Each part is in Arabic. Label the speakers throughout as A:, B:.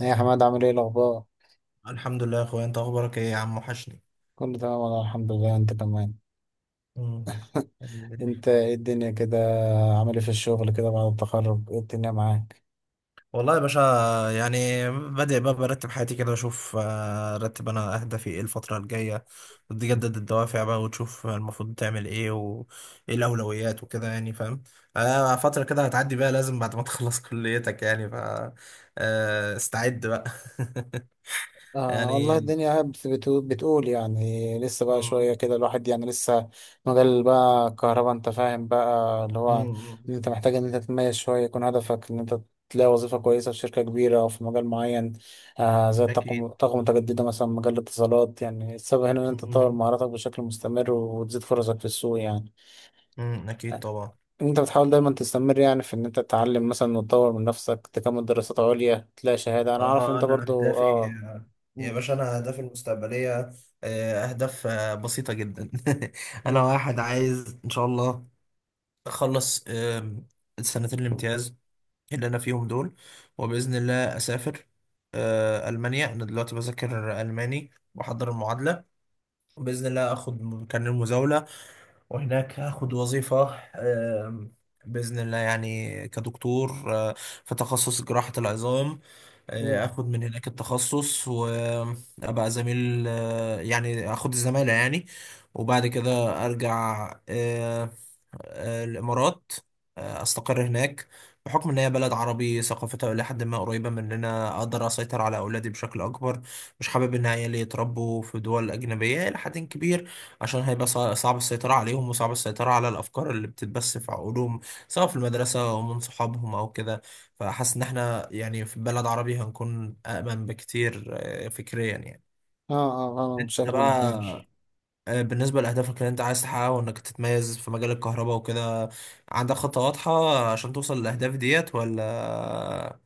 A: ايه يا حماد؟ عامل ايه الاخبار؟
B: الحمد لله يا اخويا، انت اخبارك ايه يا عم؟ وحشني.
A: كله تمام والله، الحمد لله. انت كمان؟
B: مم. الحمد لله.
A: انت ايه الدنيا كده؟ عامل ايه في الشغل كده بعد التخرج؟ ايه الدنيا معاك؟
B: والله يا باشا، يعني بادئ بقى برتب حياتي كده، اشوف آه، ارتب انا اهدافي ايه الفترة الجاية، وتجدد الدوافع بقى، وتشوف المفروض تعمل ايه، وايه الاولويات وكده، يعني فاهم. فترة كده هتعدي بقى، لازم بعد ما تخلص كليتك يعني ف آه، استعد بقى.
A: آه والله
B: يعني.
A: الدنيا قاعد بتقول يعني لسه بقى شوية
B: مم.
A: كده، الواحد يعني لسه مجال بقى الكهرباء، انت فاهم بقى؟ اللي هو
B: مم.
A: ان انت محتاج ان انت تتميز شوية، يكون هدفك ان انت تلاقي وظيفة كويسة في شركة كبيرة أو في مجال معين. آه زي
B: اكيد.
A: الطاقة، الطاقة المتجددة مثلا، مجال الاتصالات. يعني السبب هنا إن أنت تطور
B: مم.
A: مهاراتك بشكل مستمر وتزيد فرصك في السوق يعني.
B: مم. اكيد طبعا.
A: انت بتحاول دايما تستمر يعني في ان انت تتعلم مثلا وتطور من نفسك، تكمل دراسات عليا، تلاقي شهادة. انا عارف ان
B: اه
A: انت
B: انا
A: برضو
B: اهدافي
A: اه.
B: يا
A: مم.
B: باشا، انا اهدافي المستقبليه، اهداف بسيطه جدا. انا
A: مم.
B: واحد عايز ان شاء الله اخلص السنتين الامتياز اللي انا فيهم دول، وباذن الله اسافر المانيا. انا دلوقتي بذاكر الماني واحضر المعادله، باذن الله اخد كارنيه المزاوله، وهناك هاخد وظيفة بإذن الله يعني كدكتور، في تخصص جراحة العظام.
A: مم.
B: اخد من هناك التخصص وابقى زميل، يعني اخد الزمالة يعني. وبعد كده ارجع الامارات، استقر هناك. بحكم ان هي بلد عربي ثقافتها الى حد ما قريبه مننا، اقدر اسيطر على اولادي بشكل اكبر. مش حابب ان عيالي يتربوا في دول اجنبيه الى حد كبير، عشان هيبقى صعب السيطرة عليهم، وصعب السيطرة على الأفكار اللي بتتبث في عقولهم، سواء في المدرسة أو من صحابهم أو كده. فحاسس إن إحنا يعني في بلد عربي هنكون أأمن بكتير، فكريا يعني.
A: اه اه اه
B: أنت
A: بشكل
B: بقى،
A: كبير.
B: بالنسبة لأهدافك اللي أنت عايز تحققها وإنك تتميز في مجال الكهرباء وكده، عندك خطة واضحة عشان توصل للأهداف ديت، ولا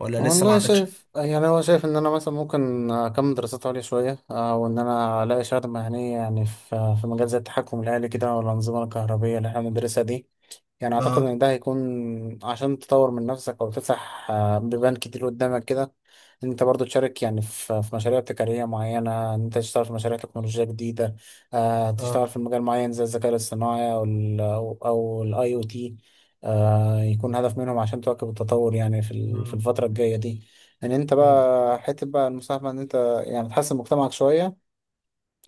B: لسه ما
A: والله
B: عندكش؟
A: شايف يعني، هو شايف ان انا مثلا ممكن اكمل دراسات عليا شوية، وان انا الاقي شهادة مهنية يعني في مجال زي التحكم الآلي كده او الأنظمة الكهربية اللي احنا بندرسها دي. يعني اعتقد
B: اه،
A: ان ده هيكون عشان تطور من نفسك او تفتح بيبان كتير قدامك كده. ان انت برضو تشارك يعني في مشاريع ابتكاريه معينه، ان انت تشتغل في مشاريع تكنولوجيا جديده، آه
B: اه،
A: تشتغل في مجال معين زي الذكاء الاصطناعي او ال او الاي او تي. آه يكون هدف منهم عشان تواكب التطور يعني في
B: مم.
A: الفتره الجايه دي. ان انت
B: مم.
A: بقى حته بقى المساهمه ان انت يعني تحسن مجتمعك شويه.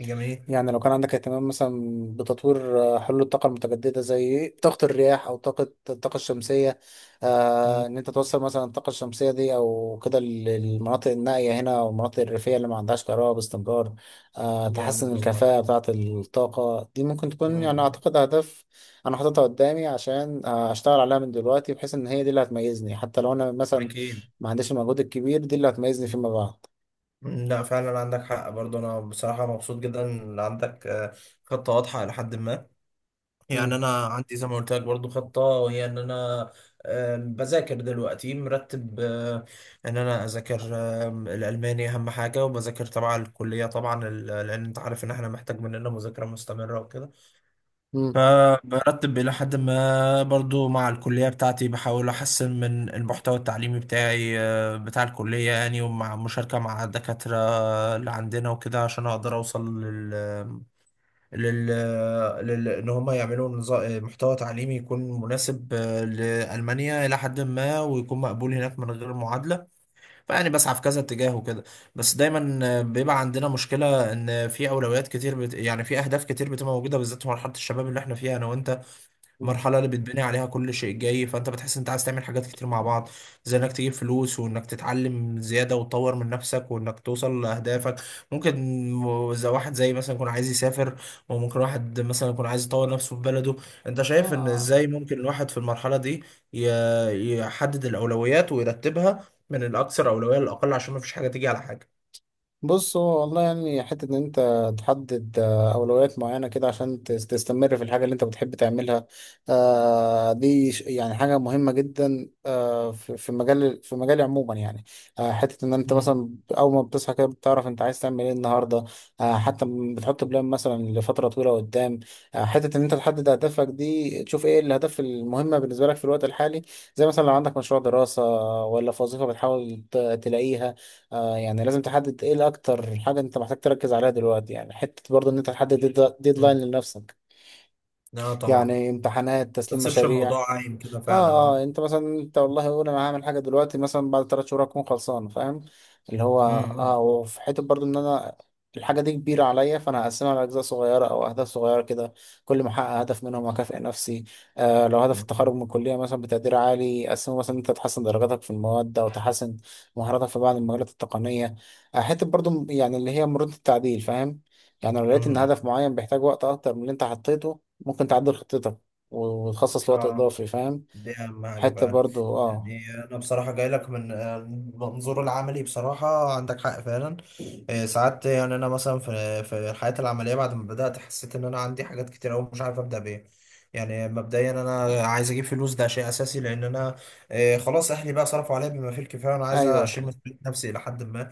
B: جميل.
A: يعني لو كان عندك اهتمام مثلا بتطوير حلول الطاقة المتجددة زي طاقة الرياح أو الطاقة الشمسية، آه
B: مم.
A: إن أنت توصل مثلا الطاقة الشمسية دي أو كده للمناطق النائية هنا أو المناطق الريفية اللي ما عندهاش كهرباء باستمرار، آه تحسن
B: جامد والله.
A: الكفاءة بتاعة الطاقة دي. ممكن تكون يعني
B: مم.
A: أعتقد أهداف أنا حاططها قدامي عشان أشتغل عليها من دلوقتي، بحيث إن هي دي اللي هتميزني حتى لو أنا مثلا
B: أكيد.
A: ما عنديش المجهود الكبير دي اللي هتميزني فيما بعد.
B: لا، فعلا عندك حق برضه، انا بصراحه مبسوط جدا ان عندك خطه واضحه الى حد ما. يعني
A: مم.
B: انا عندي زي ما قلت لك برضه خطه، وهي ان انا بذاكر دلوقتي مرتب، ان انا اذاكر الالماني اهم حاجه، وبذاكر تبع الكليه طبعا، لان انت عارف ان احنا محتاج مننا مذاكره مستمره وكده.
A: مم.
B: فبرتب الى حد ما برضه مع الكليه بتاعتي، بحاول احسن من المحتوى التعليمي بتاعي، بتاع الكليه يعني، ومع مشاركه مع دكاتره اللي عندنا وكده، عشان اقدر اوصل لل, ان هم يعملوا نظام محتوى تعليمي يكون مناسب لألمانيا الى حد ما، ويكون مقبول هناك من غير معادلة. فيعني بسعى في كذا اتجاه وكده. بس دايما بيبقى عندنا مشكلة ان في اولويات كتير يعني في اهداف كتير بتبقى موجودة، بالذات في مرحلة الشباب اللي احنا فيها انا وانت،
A: مم.
B: المرحلة اللي بتبني عليها كل شيء جاي. فانت بتحس انت عايز تعمل حاجات كتير مع بعض، زي انك تجيب فلوس، وانك تتعلم زيادة وتطور من نفسك، وانك توصل لأهدافك. ممكن زي واحد، زي مثلا يكون عايز يسافر، وممكن واحد مثلا يكون عايز يطور نفسه في بلده. انت شايف ان
A: آه
B: ازاي ممكن الواحد في المرحلة دي يحدد الأولويات ويرتبها من الأكثر أولوية للأقل، عشان ما فيش حاجة تيجي على حاجة؟
A: بص، هو والله يعني حتة إن أنت تحدد أولويات معينة كده عشان تستمر في الحاجة اللي أنت بتحب تعملها، دي يعني حاجة مهمة جدا في في مجال في مجالي عموما يعني. حتة إن أنت
B: مم.
A: مثلا أول ما بتصحى كده بتعرف أنت عايز تعمل إيه النهاردة، حتى بتحط بلان مثلا لفترة طويلة قدام، حتة إن أنت تحدد أهدافك دي، تشوف إيه الأهداف المهمة بالنسبة لك في الوقت الحالي. زي مثلا لو عندك مشروع دراسة ولا في وظيفة بتحاول تلاقيها. آه يعني لازم تحدد ايه الاكتر حاجة انت محتاج تركز عليها دلوقتي، يعني حتة برضه ان انت تحدد ديدلاين
B: مم.
A: لنفسك،
B: اه طبعا.
A: يعني امتحانات،
B: ما
A: تسليم
B: تسيبش
A: مشاريع.
B: الموضوع عايم كده، فعلا
A: اه اه
B: اه.
A: انت مثلا، انت والله قول انا هعمل حاجه دلوقتي مثلا بعد ثلاث شهور اكون خلصان، فاهم؟ اللي هو اه.
B: مم.
A: وفي حته برضو ان انا الحاجه دي كبيره عليا، فانا هقسمها على اجزاء صغيره او اهداف صغيره كده، كل ما احقق هدف منهم اكافئ نفسي. آه لو هدف
B: مم.
A: التخرج من الكليه مثلا بتقدير عالي، اقسمه مثلا انت تحسن درجاتك في المواد او تحسن مهاراتك في بعض المجالات التقنيه. آه حته برضو يعني اللي هي مرونه التعديل، فاهم؟ يعني لو لقيت ان
B: مم.
A: هدف معين بيحتاج وقت اكتر من اللي انت حطيته، ممكن تعدل خطتك وتخصص لوقت
B: اه،
A: اضافي، فاهم؟
B: دي أهم حاجة
A: حتة
B: فعلا.
A: برضو اه.
B: يعني أنا بصراحة جاي لك من المنظور العملي، بصراحة عندك حق فعلا. ساعات يعني أنا مثلا في الحياة العملية بعد ما بدأت، حسيت إن أنا عندي حاجات كتير أوي، مش عارف أبدأ بإيه. يعني مبدئيا أنا عايز أجيب فلوس، ده شيء أساسي، لأن أنا خلاص أهلي بقى صرفوا عليا بما فيه الكفاية، وأنا عايز
A: ايوه طب.
B: أشيل مسؤولية نفسي إلى حد ما.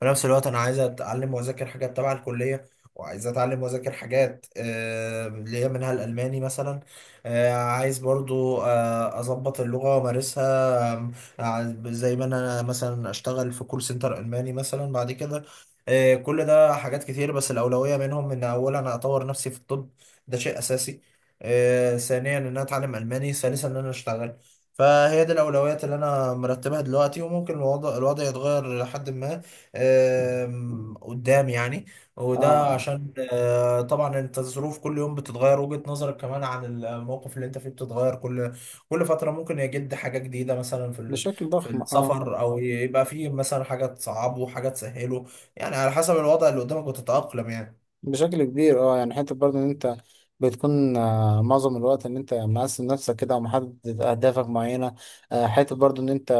B: في نفس الوقت أنا عايز أتعلم وأذاكر حاجات تبع الكلية، وعايز أتعلم وأذاكر حاجات، اللي هي منها الألماني مثلا. عايز برضو اظبط اللغة وامارسها، زي ما انا مثلا اشتغل في كول سنتر الماني مثلا بعد كده. كل ده حاجات كتير، بس الاولوية منهم ان اولا انا اطور نفسي في الطب، ده شيء اساسي. ثانيا ان انا اتعلم الماني، ثالثا ان انا اشتغل. فهي دي الأولويات اللي أنا مرتبها دلوقتي، وممكن الوضع يتغير لحد ما، قدام يعني. وده
A: اه اه
B: عشان، طبعا انت الظروف كل يوم بتتغير، وجهة نظرك كمان عن الموقف اللي انت فيه بتتغير كل فترة. ممكن يجد حاجة جديدة مثلا
A: بشكل
B: في
A: ضخم اه.
B: السفر، او يبقى فيه مثلا حاجة تصعبه، حاجة تسهله. يعني على حسب الوضع اللي قدامك وتتأقلم يعني.
A: بشكل كبير اه. يعني حتة برضو ان انت بتكون آه معظم الوقت ان انت مقسم نفسك كده ومحدد اهدافك معينة. آه حتة برضو ان انت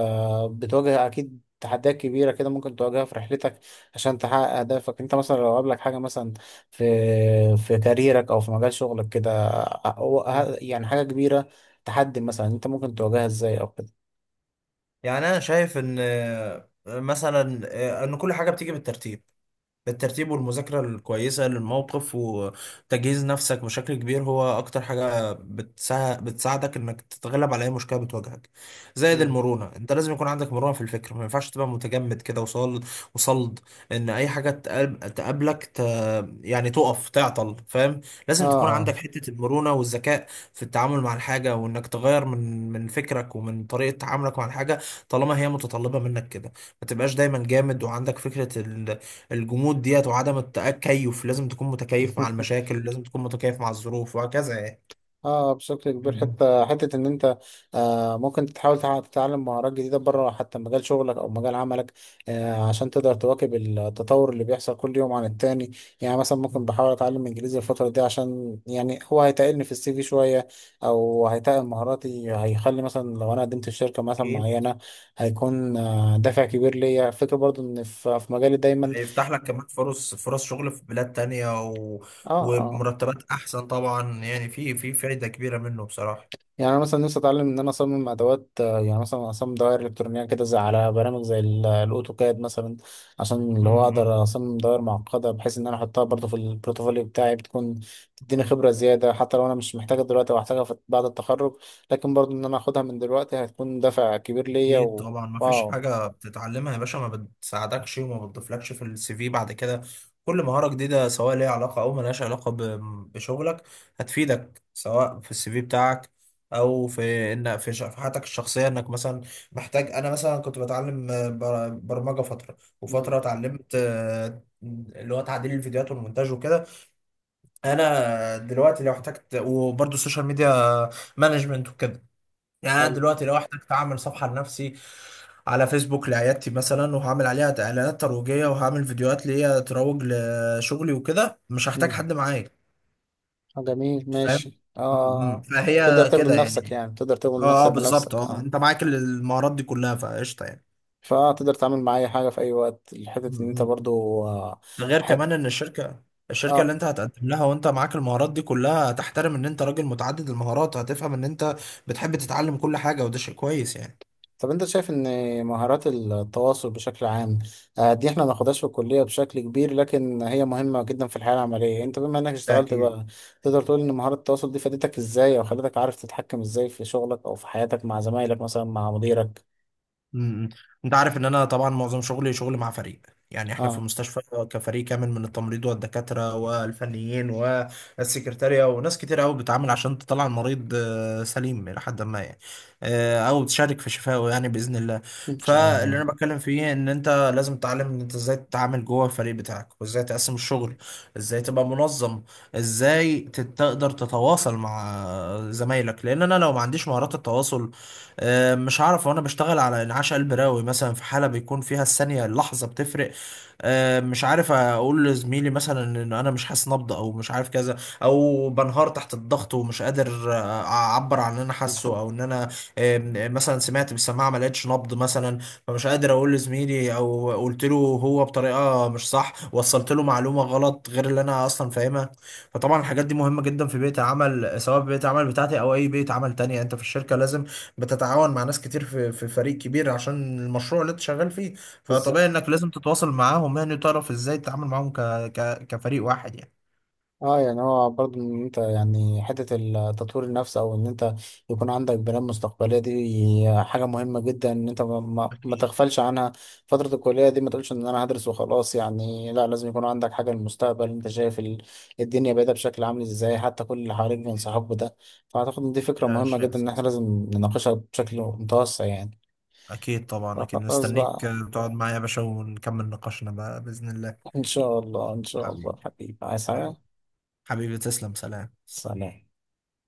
A: بتواجه اكيد تحديات كبيرة كده ممكن تواجهها في رحلتك عشان تحقق أهدافك. أنت مثلا لو قابلك حاجة مثلا في في كاريرك أو في مجال شغلك كده،
B: مم.
A: يعني حاجة كبيرة، تحدي مثلا، أنت ممكن تواجهها إزاي أو كده؟
B: يعني انا شايف ان مثلا ان كل حاجة بتيجي بالترتيب. الترتيب والمذاكرة الكويسة للموقف وتجهيز نفسك بشكل كبير، هو أكتر حاجة بتساعدك إنك تتغلب على أي مشكلة بتواجهك. زائد
A: مم.
B: المرونة، أنت لازم يكون عندك مرونة في الفكر، ما ينفعش تبقى متجمد كده، وصلد، إن أي حاجة تقابلك يعني تقف تعطل، فاهم. لازم تكون
A: اه
B: عندك حتة المرونة والذكاء في التعامل مع الحاجة، وإنك تغير من فكرك ومن طريقة تعاملك مع الحاجة، طالما هي متطلبة منك كده. ما تبقاش دايما جامد وعندك فكرة الجمود ديت وعدم التكيف. لازم تكون
A: اه
B: متكيف مع المشاكل، ولازم تكون متكيف مع الظروف وهكذا يعني.
A: اه بشكل كبير.
B: مم.
A: حتى حته ان انت آه ممكن تحاول تتعلم مهارات جديده بره حتى مجال شغلك او مجال عملك، آه عشان تقدر تواكب التطور اللي بيحصل كل يوم عن التاني. يعني مثلا ممكن بحاول اتعلم انجليزي الفتره دي عشان يعني هو هيتقلني في السي في شويه او هيتقل مهاراتي، هيخلي مثلا لو انا قدمت في شركه مثلا
B: أكيد.
A: معينه هيكون آه دافع كبير ليا. فكره برضو ان في في مجالي دايما
B: هيفتح لك كمان فرص شغل في بلاد تانية
A: اه آه.
B: وبمرتبات أحسن طبعا. يعني في فايدة كبيرة منه بصراحة.
A: يعني انا مثلا نفسي اتعلم ان انا اصمم ادوات، يعني مثلا اصمم دوائر الكترونيه كده، زي على برامج زي الاوتوكاد مثلا، عشان اللي هو اقدر اصمم دوائر معقده بحيث ان انا احطها برضه في البروتوفوليو بتاعي، بتكون تديني
B: امم.
A: خبره زياده. حتى لو انا مش محتاجها دلوقتي وهحتاجها بعد التخرج، لكن برضه ان انا اخدها من دلوقتي هتكون دافع كبير ليا.
B: اكيد
A: و...
B: طبعا، ما فيش
A: واو.
B: حاجه بتتعلمها يا باشا ما بتساعدكش وما بتضيفلكش في السي في بعد كده. كل مهاره جديده سواء ليها علاقه او ملهاش علاقه بشغلك، هتفيدك سواء في السي في بتاعك، او في ان في حياتك الشخصيه انك مثلا محتاج. انا مثلا كنت بتعلم برمجه فتره،
A: مم.
B: وفتره اتعلمت اللي هو تعديل الفيديوهات والمونتاج وكده. انا دلوقتي لو احتجت، وبرضه السوشيال ميديا مانجمنت وكده، يعني انا
A: حلو.
B: دلوقتي لو احتجت اعمل صفحه لنفسي على فيسبوك لعيادتي مثلا، وهعمل عليها اعلانات ترويجيه، وهعمل فيديوهات ليا تروج لشغلي وكده، مش هحتاج
A: مم.
B: حد معايا،
A: آه، جميل
B: فاهم.
A: ماشي اه آه،
B: م- م.
A: آه. تقدر
B: فهي
A: تخدم
B: كده
A: نفسك،
B: يعني.
A: يعني تقدر تخدم
B: اه، اه،
A: نفسك
B: بالظبط،
A: بنفسك
B: اه،
A: اه.
B: انت معاك المهارات دي كلها فقشطه يعني.
A: فتقدر تتعامل مع اي حاجه في اي وقت.
B: م-
A: حته ان انت
B: م.
A: برضو آه،
B: ده غير
A: حت...
B: كمان ان الشركه اللي
A: اه
B: انت هتقدم لها وانت معاك المهارات دي كلها، هتحترم ان انت راجل متعدد المهارات، وهتفهم ان انت بتحب تتعلم كل حاجه، وده شيء كويس يعني.
A: طب انت شايف ان مهارات التواصل بشكل عام، دي احنا ما ناخدهاش في الكليه بشكل كبير، لكن هي مهمه جدا في الحياه العمليه. انت بما انك
B: ده
A: اشتغلت
B: أكيد.
A: بقى، تقدر تقول ان مهارات التواصل دي فادتك ازاي او خلتك عارف تتحكم ازاي في شغلك او في حياتك مع زمايلك مثلا، مع مديرك؟
B: امم. انت عارف ان انا طبعا معظم شغلي شغل مع فريق، يعني احنا في
A: اه
B: مستشفى، كفريق كامل من التمريض والدكاترة والفنيين والسكرتارية وناس كتير قوي بتعامل عشان تطلع المريض سليم الى حد ما يعني، او تشارك في شفائه يعني باذن الله.
A: ان شاء الله.
B: فاللي انا بتكلم فيه ان انت لازم تتعلم ان انت ازاي تتعامل جوه الفريق بتاعك، وازاي تقسم الشغل، ازاي تبقى منظم، ازاي تقدر تتواصل مع زمايلك. لان انا لو ما عنديش مهارات التواصل، مش عارف وانا بشتغل على انعاش قلب رئوي مثلا في حاله بيكون فيها الثانيه اللحظه بتفرق، مش عارف اقول لزميلي مثلا ان انا مش حاسس نبض، او مش عارف كذا، او بنهار تحت الضغط ومش قادر اعبر عن اللي انا حاسه، او ان انا مثلا سمعت بالسماعه ما لقيتش نبض مثلا، فمش قادر اقول لزميلي، او قلت له هو بطريقه مش صح، وصلت له معلومه غلط غير اللي انا اصلا فاهمها. فطبعا الحاجات دي مهمه جدا في بيئه العمل، سواء في بيئه العمل بتاعتي او اي بيئه عمل تانية. انت في الشركه لازم بتتعاون مع ناس كتير في فريق كبير عشان المشروع اللي انت شغال فيه.
A: بالظبط
B: فطبيعي انك لازم تتواصل معاهم يعني، وتعرف ازاي تتعامل معاهم، كفريق واحد يعني.
A: اه. يعني هو برضه ان انت يعني حتة التطوير النفس او ان انت يكون عندك بلان مستقبلية دي حاجة مهمة جدا ان انت ما
B: اكيد.
A: تغفلش عنها. فترة الكلية دي ما تقولش ان انا هدرس وخلاص، يعني لا، لازم يكون عندك حاجة للمستقبل. انت شايف الدنيا بعيدة بشكل عامل ازاي، حتى كل اللي حواليك بينصحوك بده. فاعتقد ان دي فكرة
B: ده
A: مهمة
B: شيء
A: جدا ان احنا
B: اساسي.
A: لازم نناقشها بشكل متوسع يعني.
B: اكيد طبعا، اكيد
A: فخلاص
B: مستنيك
A: بقى،
B: تقعد معايا يا باشا ونكمل نقاشنا بقى باذن الله.
A: ان شاء الله ان شاء الله
B: حبيبي.
A: حبيبي، عايز حاجة؟
B: حبيبي. حبيبي، تسلم، سلام.
A: سلام.